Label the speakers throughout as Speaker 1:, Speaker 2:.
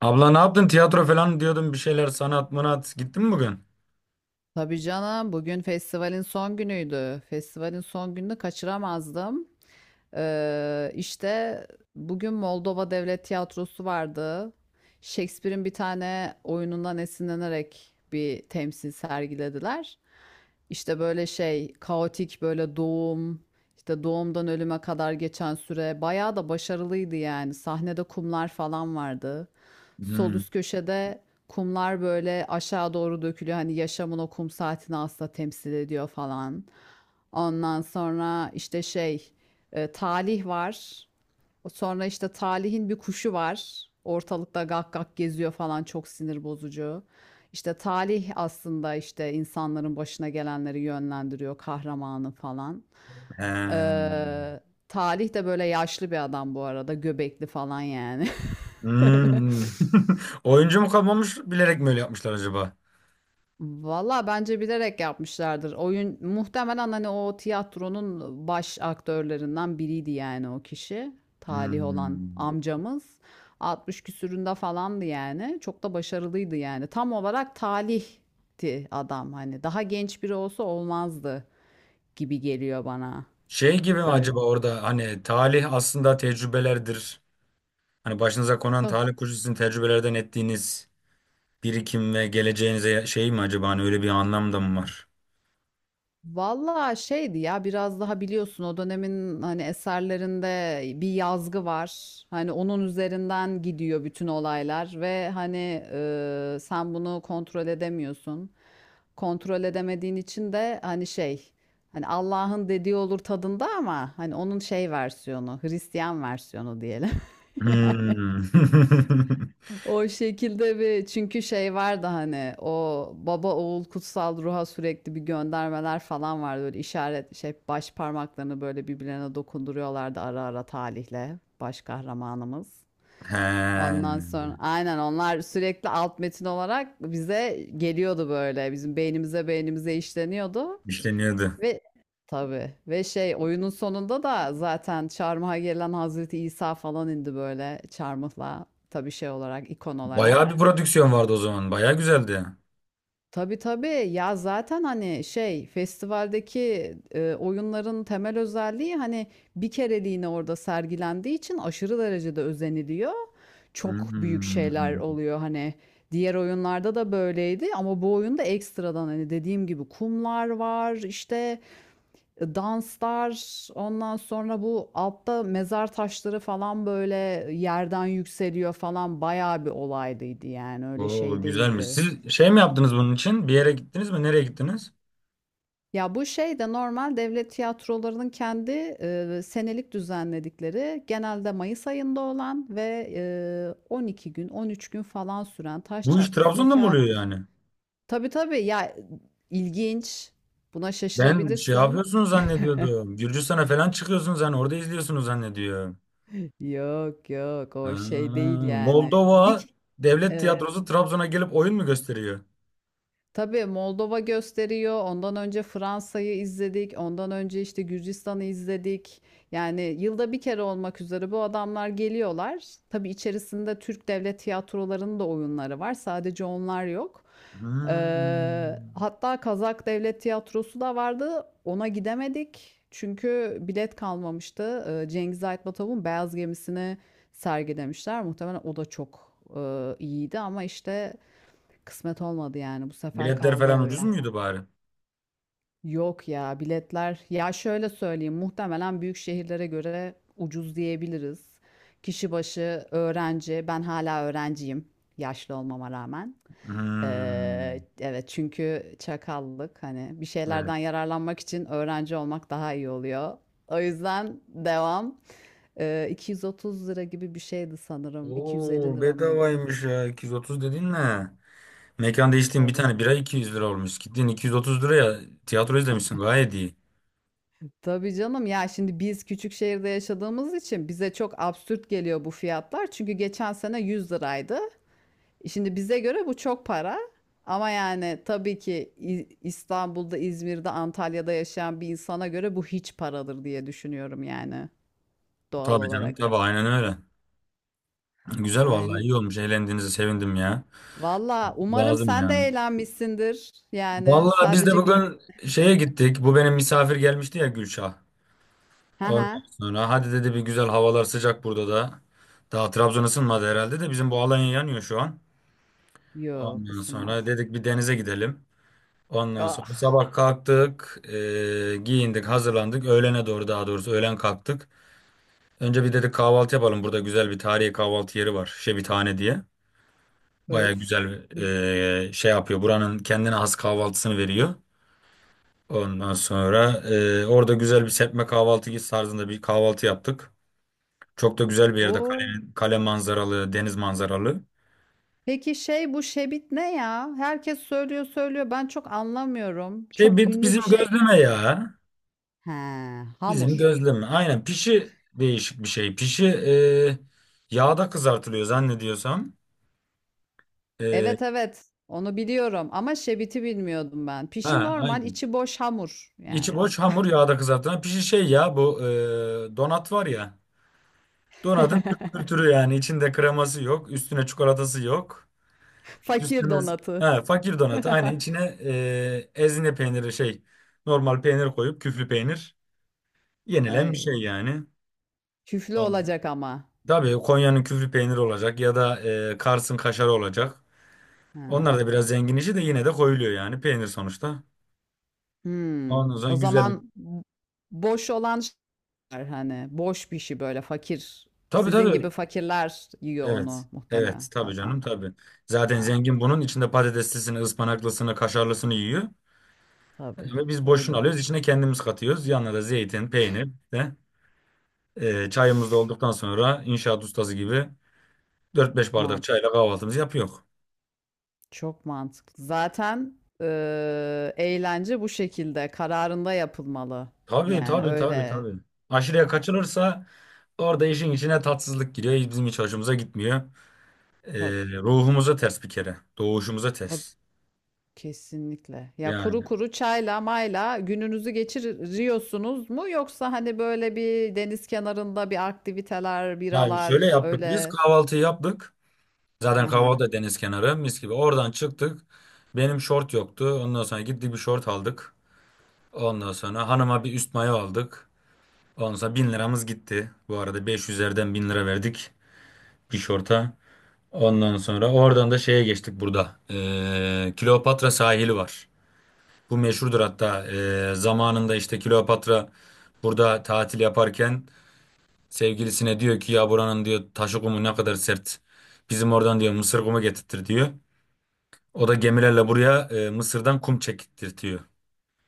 Speaker 1: Abla ne yaptın? Tiyatro falan diyordun bir şeyler sanat mınat. Gittin mi bugün?
Speaker 2: Tabii canım bugün festivalin son günüydü. Festivalin son gününü kaçıramazdım. İşte bugün Moldova Devlet Tiyatrosu vardı. Shakespeare'in bir tane oyunundan esinlenerek bir temsil sergilediler. İşte böyle şey kaotik böyle işte doğumdan ölüme kadar geçen süre bayağı da başarılıydı yani. Sahnede kumlar falan vardı. Sol
Speaker 1: Hmm.
Speaker 2: üst köşede kumlar böyle aşağı doğru dökülüyor. Hani yaşamın o kum saatini aslında temsil ediyor falan. Ondan sonra işte şey talih var. Sonra işte Talih'in bir kuşu var. Ortalıkta gak gak geziyor falan, çok sinir bozucu. İşte Talih aslında işte insanların başına gelenleri yönlendiriyor kahramanı falan.
Speaker 1: Ee,
Speaker 2: Ee, Talih de böyle yaşlı bir adam bu arada, göbekli falan yani.
Speaker 1: hmm. Oyuncu mu kalmamış bilerek mi öyle yapmışlar acaba?
Speaker 2: Valla bence bilerek yapmışlardır. Oyun muhtemelen hani o tiyatronun baş aktörlerinden biriydi yani o kişi. Talih olan
Speaker 1: Hmm.
Speaker 2: amcamız. 60 küsüründe falandı yani. Çok da başarılıydı yani. Tam olarak talihti adam hani. Daha genç biri olsa olmazdı gibi geliyor bana
Speaker 1: Şey gibi mi
Speaker 2: böyle.
Speaker 1: acaba orada hani talih aslında tecrübelerdir. Hani başınıza konan talih kuşu sizin tecrübelerden ettiğiniz birikim ve geleceğinize şey mi acaba hani öyle bir anlam da mı var?
Speaker 2: Vallahi şeydi ya, biraz daha biliyorsun o dönemin hani eserlerinde bir yazgı var. Hani onun üzerinden gidiyor bütün olaylar ve hani sen bunu kontrol edemiyorsun. Kontrol edemediğin için de hani şey, hani Allah'ın dediği olur tadında, ama hani onun şey versiyonu, Hristiyan versiyonu diyelim.
Speaker 1: Hmm.
Speaker 2: O şekilde bir, çünkü şey vardı hani, o baba oğul kutsal ruha sürekli bir göndermeler falan vardı böyle, işaret, şey, baş parmaklarını böyle birbirlerine dokunduruyorlardı ara ara talihle baş kahramanımız.
Speaker 1: He.
Speaker 2: Ondan sonra aynen onlar sürekli alt metin olarak bize geliyordu, böyle bizim beynimize işleniyordu
Speaker 1: İşleniyordu.
Speaker 2: ve tabii, ve şey, oyunun sonunda da zaten çarmıha gelen Hazreti İsa falan indi böyle çarmıhla, tabii şey olarak, ikon
Speaker 1: Bayağı bir
Speaker 2: olarak.
Speaker 1: prodüksiyon vardı o zaman. Bayağı güzeldi.
Speaker 2: Tabii, tabii. Ya, zaten, hani, şey, festivaldeki, oyunların temel özelliği, hani, bir kereliğine orada sergilendiği için aşırı derecede özeniliyor. Çok büyük şeyler
Speaker 1: Hmm.
Speaker 2: oluyor, hani. Diğer oyunlarda da böyleydi ama bu oyunda ekstradan, hani, dediğim gibi kumlar var, işte, danslar, ondan sonra bu altta mezar taşları falan, böyle, yerden yükseliyor falan. Bayağı bir olaylıydı, yani, öyle
Speaker 1: Oo,
Speaker 2: şey
Speaker 1: güzelmiş.
Speaker 2: değildi.
Speaker 1: Siz şey mi yaptınız bunun için? Bir yere gittiniz mi? Nereye gittiniz?
Speaker 2: Ya bu şey de normal devlet tiyatrolarının kendi senelik düzenledikleri, genelde Mayıs ayında olan ve 12 gün 13 gün falan süren, taş
Speaker 1: Bu iş
Speaker 2: çatlasın
Speaker 1: Trabzon'da
Speaker 2: 2
Speaker 1: mı oluyor
Speaker 2: haftası.
Speaker 1: yani?
Speaker 2: Tabii tabii ya, ilginç, buna
Speaker 1: Ben şey
Speaker 2: şaşırabilirsin.
Speaker 1: yapıyorsunuz zannediyordum. Gürcistan'a falan çıkıyorsunuz hani orada izliyorsunuz zannediyorum.
Speaker 2: Yok yok,
Speaker 1: Ha,
Speaker 2: o şey değil yani.
Speaker 1: Moldova Devlet
Speaker 2: Evet.
Speaker 1: Tiyatrosu Trabzon'a gelip oyun mu gösteriyor?
Speaker 2: Tabii Moldova gösteriyor. Ondan önce Fransa'yı izledik. Ondan önce işte Gürcistan'ı izledik. Yani yılda bir kere olmak üzere bu adamlar geliyorlar. Tabii içerisinde Türk devlet tiyatrolarının da oyunları var. Sadece onlar yok.
Speaker 1: Hmm.
Speaker 2: Hatta Kazak Devlet Tiyatrosu da vardı. Ona gidemedik, çünkü bilet kalmamıştı. Cengiz Aytmatov'un Beyaz Gemisi'ni sergilemişler. Muhtemelen o da çok iyiydi ama işte kısmet olmadı yani. Bu sefer
Speaker 1: Biletler
Speaker 2: kaldı
Speaker 1: falan ucuz
Speaker 2: öyle.
Speaker 1: muydu bari?
Speaker 2: Yok ya, biletler. Ya şöyle söyleyeyim, muhtemelen büyük şehirlere göre ucuz diyebiliriz. Kişi başı öğrenci. Ben hala öğrenciyim. Yaşlı olmama rağmen.
Speaker 1: Hmm.
Speaker 2: Evet, çünkü çakallık, hani bir şeylerden
Speaker 1: Evet.
Speaker 2: yararlanmak için öğrenci olmak daha iyi oluyor. O yüzden devam. 230 lira gibi bir şeydi sanırım. 250
Speaker 1: Oo,
Speaker 2: lira mıydı?
Speaker 1: bedavaymış ya. 230 dedin ne? Mekan değiştiğin bir
Speaker 2: Tabii.
Speaker 1: tane bira 200 lira olmuş. Gittin 230 liraya tiyatro izlemişsin. Gayet iyi.
Speaker 2: Tabii canım ya, şimdi biz küçük şehirde yaşadığımız için bize çok absürt geliyor bu fiyatlar. Çünkü geçen sene 100 liraydı. Şimdi bize göre bu çok para. Ama yani tabii ki İstanbul'da, İzmir'de, Antalya'da yaşayan bir insana göre bu hiç paradır diye düşünüyorum yani, doğal
Speaker 1: Tabii canım,
Speaker 2: olarak.
Speaker 1: tabii, aynen öyle. Güzel, vallahi
Speaker 2: Aynen.
Speaker 1: iyi olmuş. Eğlendiğinize sevindim ya.
Speaker 2: Valla umarım
Speaker 1: Lazım
Speaker 2: sen de
Speaker 1: yani.
Speaker 2: eğlenmişsindir. Yani
Speaker 1: Vallahi biz de
Speaker 2: sadece biz...
Speaker 1: bugün şeye gittik. Bu benim misafir gelmişti ya, Gülşah.
Speaker 2: Ha
Speaker 1: Ondan
Speaker 2: ha.
Speaker 1: sonra hadi dedi, bir güzel havalar sıcak burada da. Daha Trabzon ısınmadı herhalde de bizim bu Alanya yanıyor şu an.
Speaker 2: Yok
Speaker 1: Ondan
Speaker 2: ısınmadı.
Speaker 1: sonra dedik bir denize gidelim. Ondan sonra
Speaker 2: Ah
Speaker 1: sabah kalktık, giyindik, hazırlandık. Öğlene doğru, daha doğrusu öğlen kalktık. Önce bir dedik kahvaltı yapalım. Burada güzel bir tarihi kahvaltı yeri var, Şebitane diye. Baya
Speaker 2: öf.
Speaker 1: güzel şey yapıyor. Buranın kendine has kahvaltısını veriyor. Ondan sonra orada güzel bir serpme kahvaltı tarzında bir kahvaltı yaptık. Çok da güzel bir yerde. Kale,
Speaker 2: Oo.
Speaker 1: kale manzaralı, deniz manzaralı.
Speaker 2: Peki şey, bu şebit ne ya? Herkes söylüyor söylüyor, ben çok anlamıyorum.
Speaker 1: Şey,
Speaker 2: Çok ünlü
Speaker 1: bizim
Speaker 2: bir şey.
Speaker 1: gözleme ya.
Speaker 2: He, hamur.
Speaker 1: Bizim gözleme. Aynen, pişi, değişik bir şey. Pişi yağda kızartılıyor zannediyorsam. E,
Speaker 2: Evet evet. Onu biliyorum ama şebiti bilmiyordum ben. Pişi
Speaker 1: ha,
Speaker 2: normal,
Speaker 1: aynen.
Speaker 2: içi boş hamur
Speaker 1: İçi
Speaker 2: yani.
Speaker 1: boş hamur yağda kızartılan pişi, şey ya, bu donat var ya. Donatın Türk kültürü yani, içinde kreması yok, üstüne çikolatası yok.
Speaker 2: Fakir
Speaker 1: Üstümüz,
Speaker 2: donatı.
Speaker 1: he, fakir donatı aynen, içine ezine peyniri, şey, normal peynir koyup küflü peynir yenilen bir şey
Speaker 2: Ay,
Speaker 1: yani.
Speaker 2: küflü
Speaker 1: Tamam.
Speaker 2: olacak ama.
Speaker 1: Tabii, Konya'nın küflü peyniri olacak ya da Kars'ın kaşarı olacak. Onlar da
Speaker 2: Ha.
Speaker 1: biraz zengin işi de yine de koyuluyor yani, peynir sonuçta.
Speaker 2: Hmm.
Speaker 1: Ondan sonra
Speaker 2: O
Speaker 1: güzel bir...
Speaker 2: zaman boş olan şeyler, hani boş pişi, böyle fakir.
Speaker 1: Tabii,
Speaker 2: Sizin
Speaker 1: tabii.
Speaker 2: gibi fakirler yiyor
Speaker 1: Evet.
Speaker 2: onu
Speaker 1: Evet.
Speaker 2: muhtemelen.
Speaker 1: Tabii
Speaker 2: Tamam.
Speaker 1: canım, tabii. Zaten zengin
Speaker 2: Anladım.
Speaker 1: bunun içinde patateslisini, ıspanaklısını, kaşarlısını yiyor.
Speaker 2: Tabii
Speaker 1: Ve biz
Speaker 2: öyle
Speaker 1: boşunu alıyoruz.
Speaker 2: olur.
Speaker 1: İçine kendimiz katıyoruz. Yanına da zeytin, peynir de çayımız da olduktan sonra inşaat ustası gibi dört beş bardak
Speaker 2: Mantık,
Speaker 1: çayla kahvaltımızı yapıyor.
Speaker 2: çok mantıklı. Zaten eğlence bu şekilde kararında yapılmalı.
Speaker 1: Tabii,
Speaker 2: Yani
Speaker 1: tabii, tabii,
Speaker 2: öyle.
Speaker 1: tabii. Aşırıya
Speaker 2: Ha,
Speaker 1: kaçılırsa orada işin içine tatsızlık giriyor. Bizim hiç hoşumuza gitmiyor. E,
Speaker 2: tabii,
Speaker 1: ruhumuza ters bir kere. Doğuşumuza
Speaker 2: tabii,
Speaker 1: ters.
Speaker 2: kesinlikle. Ya kuru
Speaker 1: Yani.
Speaker 2: kuru çayla mayla gününüzü geçiriyorsunuz mu? Yoksa hani böyle bir deniz kenarında bir aktiviteler,
Speaker 1: Yani şöyle
Speaker 2: biralar
Speaker 1: yaptık, biz
Speaker 2: öyle.
Speaker 1: kahvaltıyı yaptık.
Speaker 2: Hı
Speaker 1: Zaten kahvaltı
Speaker 2: hı.
Speaker 1: da deniz kenarı, mis gibi. Oradan çıktık. Benim şort yoktu. Ondan sonra gittik bir şort aldık. Ondan sonra hanıma bir üst mayo aldık. Ondan sonra 1000 liramız gitti. Bu arada 500'lerden 1.000 lira verdik bir şorta. Ondan sonra oradan da şeye geçtik burada. Kleopatra sahili var. Bu meşhurdur hatta. Zamanında işte Kleopatra burada tatil yaparken sevgilisine diyor ki, ya buranın diyor taşı kumu ne kadar sert. Bizim oradan diyor Mısır kumu getirtir diyor. O da gemilerle buraya Mısır'dan kum çektirtiyor.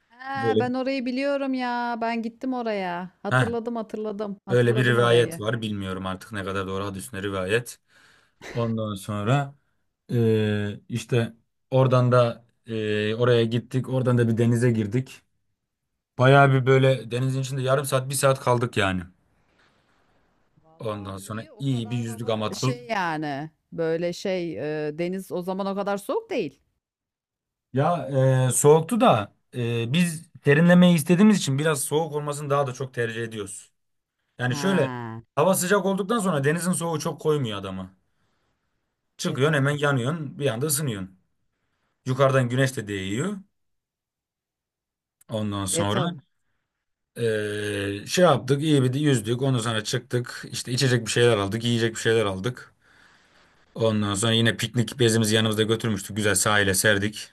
Speaker 2: Ha,
Speaker 1: Öyle,
Speaker 2: ben orayı biliyorum ya. Ben gittim oraya.
Speaker 1: heh,
Speaker 2: Hatırladım hatırladım.
Speaker 1: öyle bir
Speaker 2: Hatırladım
Speaker 1: rivayet
Speaker 2: orayı.
Speaker 1: var. Bilmiyorum artık ne kadar doğru, hadis ne rivayet. Ondan sonra işte oradan da oraya gittik. Oradan da bir denize girdik. Bayağı bir böyle denizin içinde yarım saat, bir saat kaldık yani. Ondan
Speaker 2: Vallahi
Speaker 1: sonra
Speaker 2: iyi, o
Speaker 1: iyi bir
Speaker 2: kadar
Speaker 1: yüzdük
Speaker 2: hava
Speaker 1: ama
Speaker 2: şey yani, böyle şey, deniz o zaman o kadar soğuk değil.
Speaker 1: ya, soğuktu da biz serinlemeyi istediğimiz için biraz soğuk olmasını daha da çok tercih ediyoruz. Yani şöyle,
Speaker 2: Ha.
Speaker 1: hava sıcak olduktan sonra denizin soğuğu çok koymuyor adamı.
Speaker 2: E
Speaker 1: Çıkıyorsun hemen
Speaker 2: tabi.
Speaker 1: yanıyorsun, bir anda ısınıyorsun. Yukarıdan güneş de değiyor. Ondan
Speaker 2: E
Speaker 1: sonra
Speaker 2: tabi.
Speaker 1: şey yaptık, iyi bir de yüzdük. Ondan sonra çıktık, işte içecek bir şeyler aldık, yiyecek bir şeyler aldık. Ondan sonra yine piknik bezimizi yanımızda götürmüştük. Güzel sahile serdik.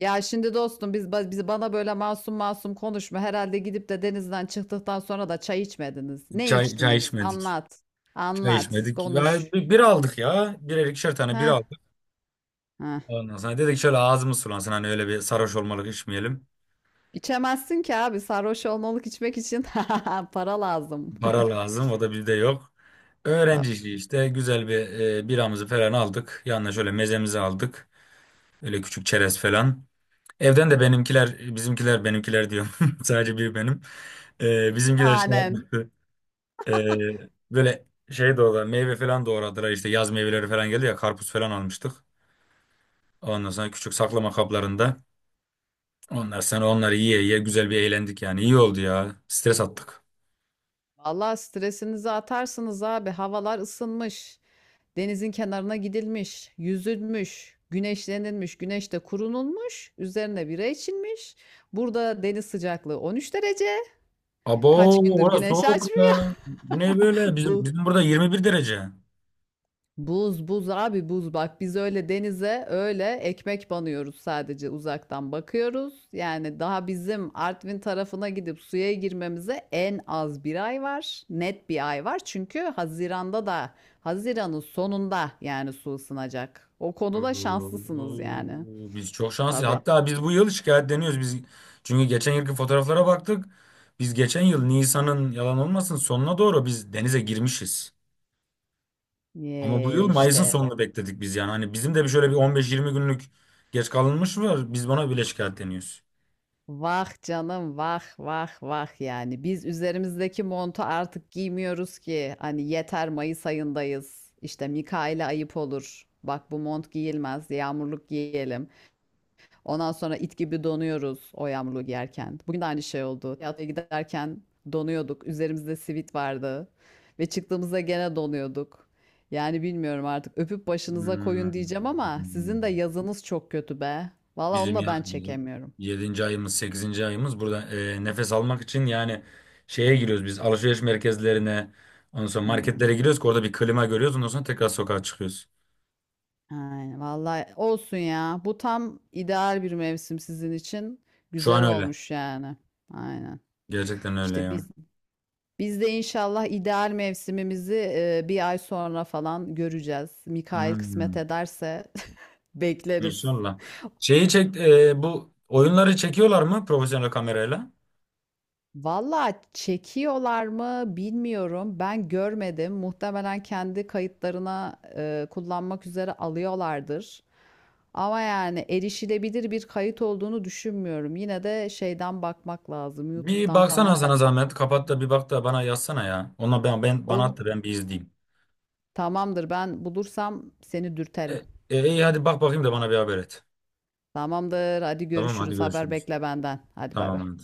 Speaker 2: Ya şimdi dostum biz bana böyle masum masum konuşma. Herhalde gidip de denizden çıktıktan sonra da çay içmediniz. Ne
Speaker 1: Çay, çay
Speaker 2: içtiniz?
Speaker 1: içmedik.
Speaker 2: Anlat.
Speaker 1: Çay
Speaker 2: Anlat.
Speaker 1: içmedik. Ya,
Speaker 2: Konuş.
Speaker 1: bir aldık ya. Birer ikişer tane bir
Speaker 2: Ha.
Speaker 1: aldık.
Speaker 2: Ha.
Speaker 1: Ondan sonra dedik şöyle ağzımız sulansın. Hani öyle bir sarhoş olmalık içmeyelim.
Speaker 2: İçemezsin ki abi, sarhoş olmalık içmek için para lazım.
Speaker 1: Para lazım. O da bizde yok. Öğrenci
Speaker 2: Tabii.
Speaker 1: işi işte. Güzel bir biramızı falan aldık. Yanına şöyle mezemizi aldık. Öyle küçük çerez falan. Evden de benimkiler, bizimkiler, benimkiler diyorum. Sadece bir benim.
Speaker 2: Senin
Speaker 1: Bizimkiler şey
Speaker 2: hanen.
Speaker 1: yapmıyor. Böyle şey doğradı. Meyve falan doğradılar. İşte yaz meyveleri falan geldi ya. Karpuz falan almıştık. Ondan sonra küçük saklama kaplarında. Onlar, sonra onları yiye yiye güzel bir eğlendik yani. İyi oldu ya. Stres attık.
Speaker 2: Vallahi stresinizi atarsınız abi. Havalar ısınmış. Denizin kenarına gidilmiş, yüzülmüş, güneşlenilmiş, güneşte kurunulmuş, üzerine bira içilmiş. Burada deniz sıcaklığı 13 derece.
Speaker 1: Abo,
Speaker 2: Kaç gündür
Speaker 1: orası
Speaker 2: güneş
Speaker 1: soğuk
Speaker 2: açmıyor.
Speaker 1: ya. Bu ne böyle? Bizim,
Speaker 2: Bu
Speaker 1: bizim burada 21 derece.
Speaker 2: Buz buz abi, buz, bak biz öyle denize öyle ekmek banıyoruz, sadece uzaktan bakıyoruz. Yani daha bizim Artvin tarafına gidip suya girmemize en az bir ay var. Net bir ay var, çünkü Haziran'da da Haziran'ın sonunda yani su ısınacak. O konuda şanslısınız yani.
Speaker 1: Oo, biz çok şanslıyız.
Speaker 2: Tabii.
Speaker 1: Hatta biz bu yıl şikayetleniyoruz. Biz çünkü geçen yılki fotoğraflara baktık. Biz geçen yıl Nisan'ın, yalan olmasın, sonuna doğru biz denize girmişiz. Ama bu
Speaker 2: Ye
Speaker 1: yıl Mayıs'ın
Speaker 2: işte.
Speaker 1: sonunu bekledik biz yani. Hani bizim de bir şöyle bir 15-20 günlük geç kalınmış var. Biz buna bile şikayetleniyoruz.
Speaker 2: Vah canım, vah vah vah, yani biz üzerimizdeki montu artık giymiyoruz ki, hani yeter, Mayıs ayındayız işte, Mikail'e ayıp olur, bak bu mont giyilmez, yağmurluk giyelim, ondan sonra it gibi donuyoruz o yağmurluğu giyerken. Bugün de aynı şey oldu, tiyatroya giderken donuyorduk, üzerimizde sivit vardı ve çıktığımızda gene donuyorduk. Yani bilmiyorum artık, öpüp başınıza koyun
Speaker 1: Hmm.
Speaker 2: diyeceğim, ama sizin de yazınız çok kötü be, valla onu
Speaker 1: Bizim
Speaker 2: da
Speaker 1: ya,
Speaker 2: ben
Speaker 1: bizim
Speaker 2: çekemiyorum.
Speaker 1: yedinci ayımız, sekizinci ayımız burada nefes almak için yani şeye giriyoruz biz, alışveriş merkezlerine, ondan sonra
Speaker 2: Hmm.
Speaker 1: marketlere giriyoruz ki orada bir klima görüyoruz, ondan sonra tekrar sokağa çıkıyoruz.
Speaker 2: Aynen. Vallahi olsun ya. Bu tam ideal bir mevsim sizin için.
Speaker 1: Şu an
Speaker 2: Güzel
Speaker 1: öyle.
Speaker 2: olmuş yani. Aynen.
Speaker 1: Gerçekten öyle
Speaker 2: İşte biz
Speaker 1: ya.
Speaker 2: biz de inşallah ideal mevsimimizi bir ay sonra falan göreceğiz. Mikail kısmet
Speaker 1: Hmm.
Speaker 2: ederse bekleriz.
Speaker 1: İnşallah. Şeyi çek, bu oyunları çekiyorlar mı profesyonel kamerayla?
Speaker 2: Valla çekiyorlar mı bilmiyorum. Ben görmedim. Muhtemelen kendi kayıtlarına kullanmak üzere alıyorlardır. Ama yani erişilebilir bir kayıt olduğunu düşünmüyorum. Yine de şeyden bakmak lazım.
Speaker 1: Bir
Speaker 2: YouTube'dan
Speaker 1: baksana,
Speaker 2: falan
Speaker 1: sana
Speaker 2: bakmak
Speaker 1: zahmet,
Speaker 2: lazım.
Speaker 1: kapat da bir bak da bana yazsana ya. Ona ben bana
Speaker 2: Ol,
Speaker 1: at da ben bir izleyeyim.
Speaker 2: tamamdır. Ben bulursam seni dürterim.
Speaker 1: E, iyi, hadi bak bakayım da bana bir haber et.
Speaker 2: Tamamdır. Hadi
Speaker 1: Tamam, hadi
Speaker 2: görüşürüz. Haber
Speaker 1: görüşürüz.
Speaker 2: bekle benden. Hadi bay
Speaker 1: Tamam
Speaker 2: bay.
Speaker 1: hadi.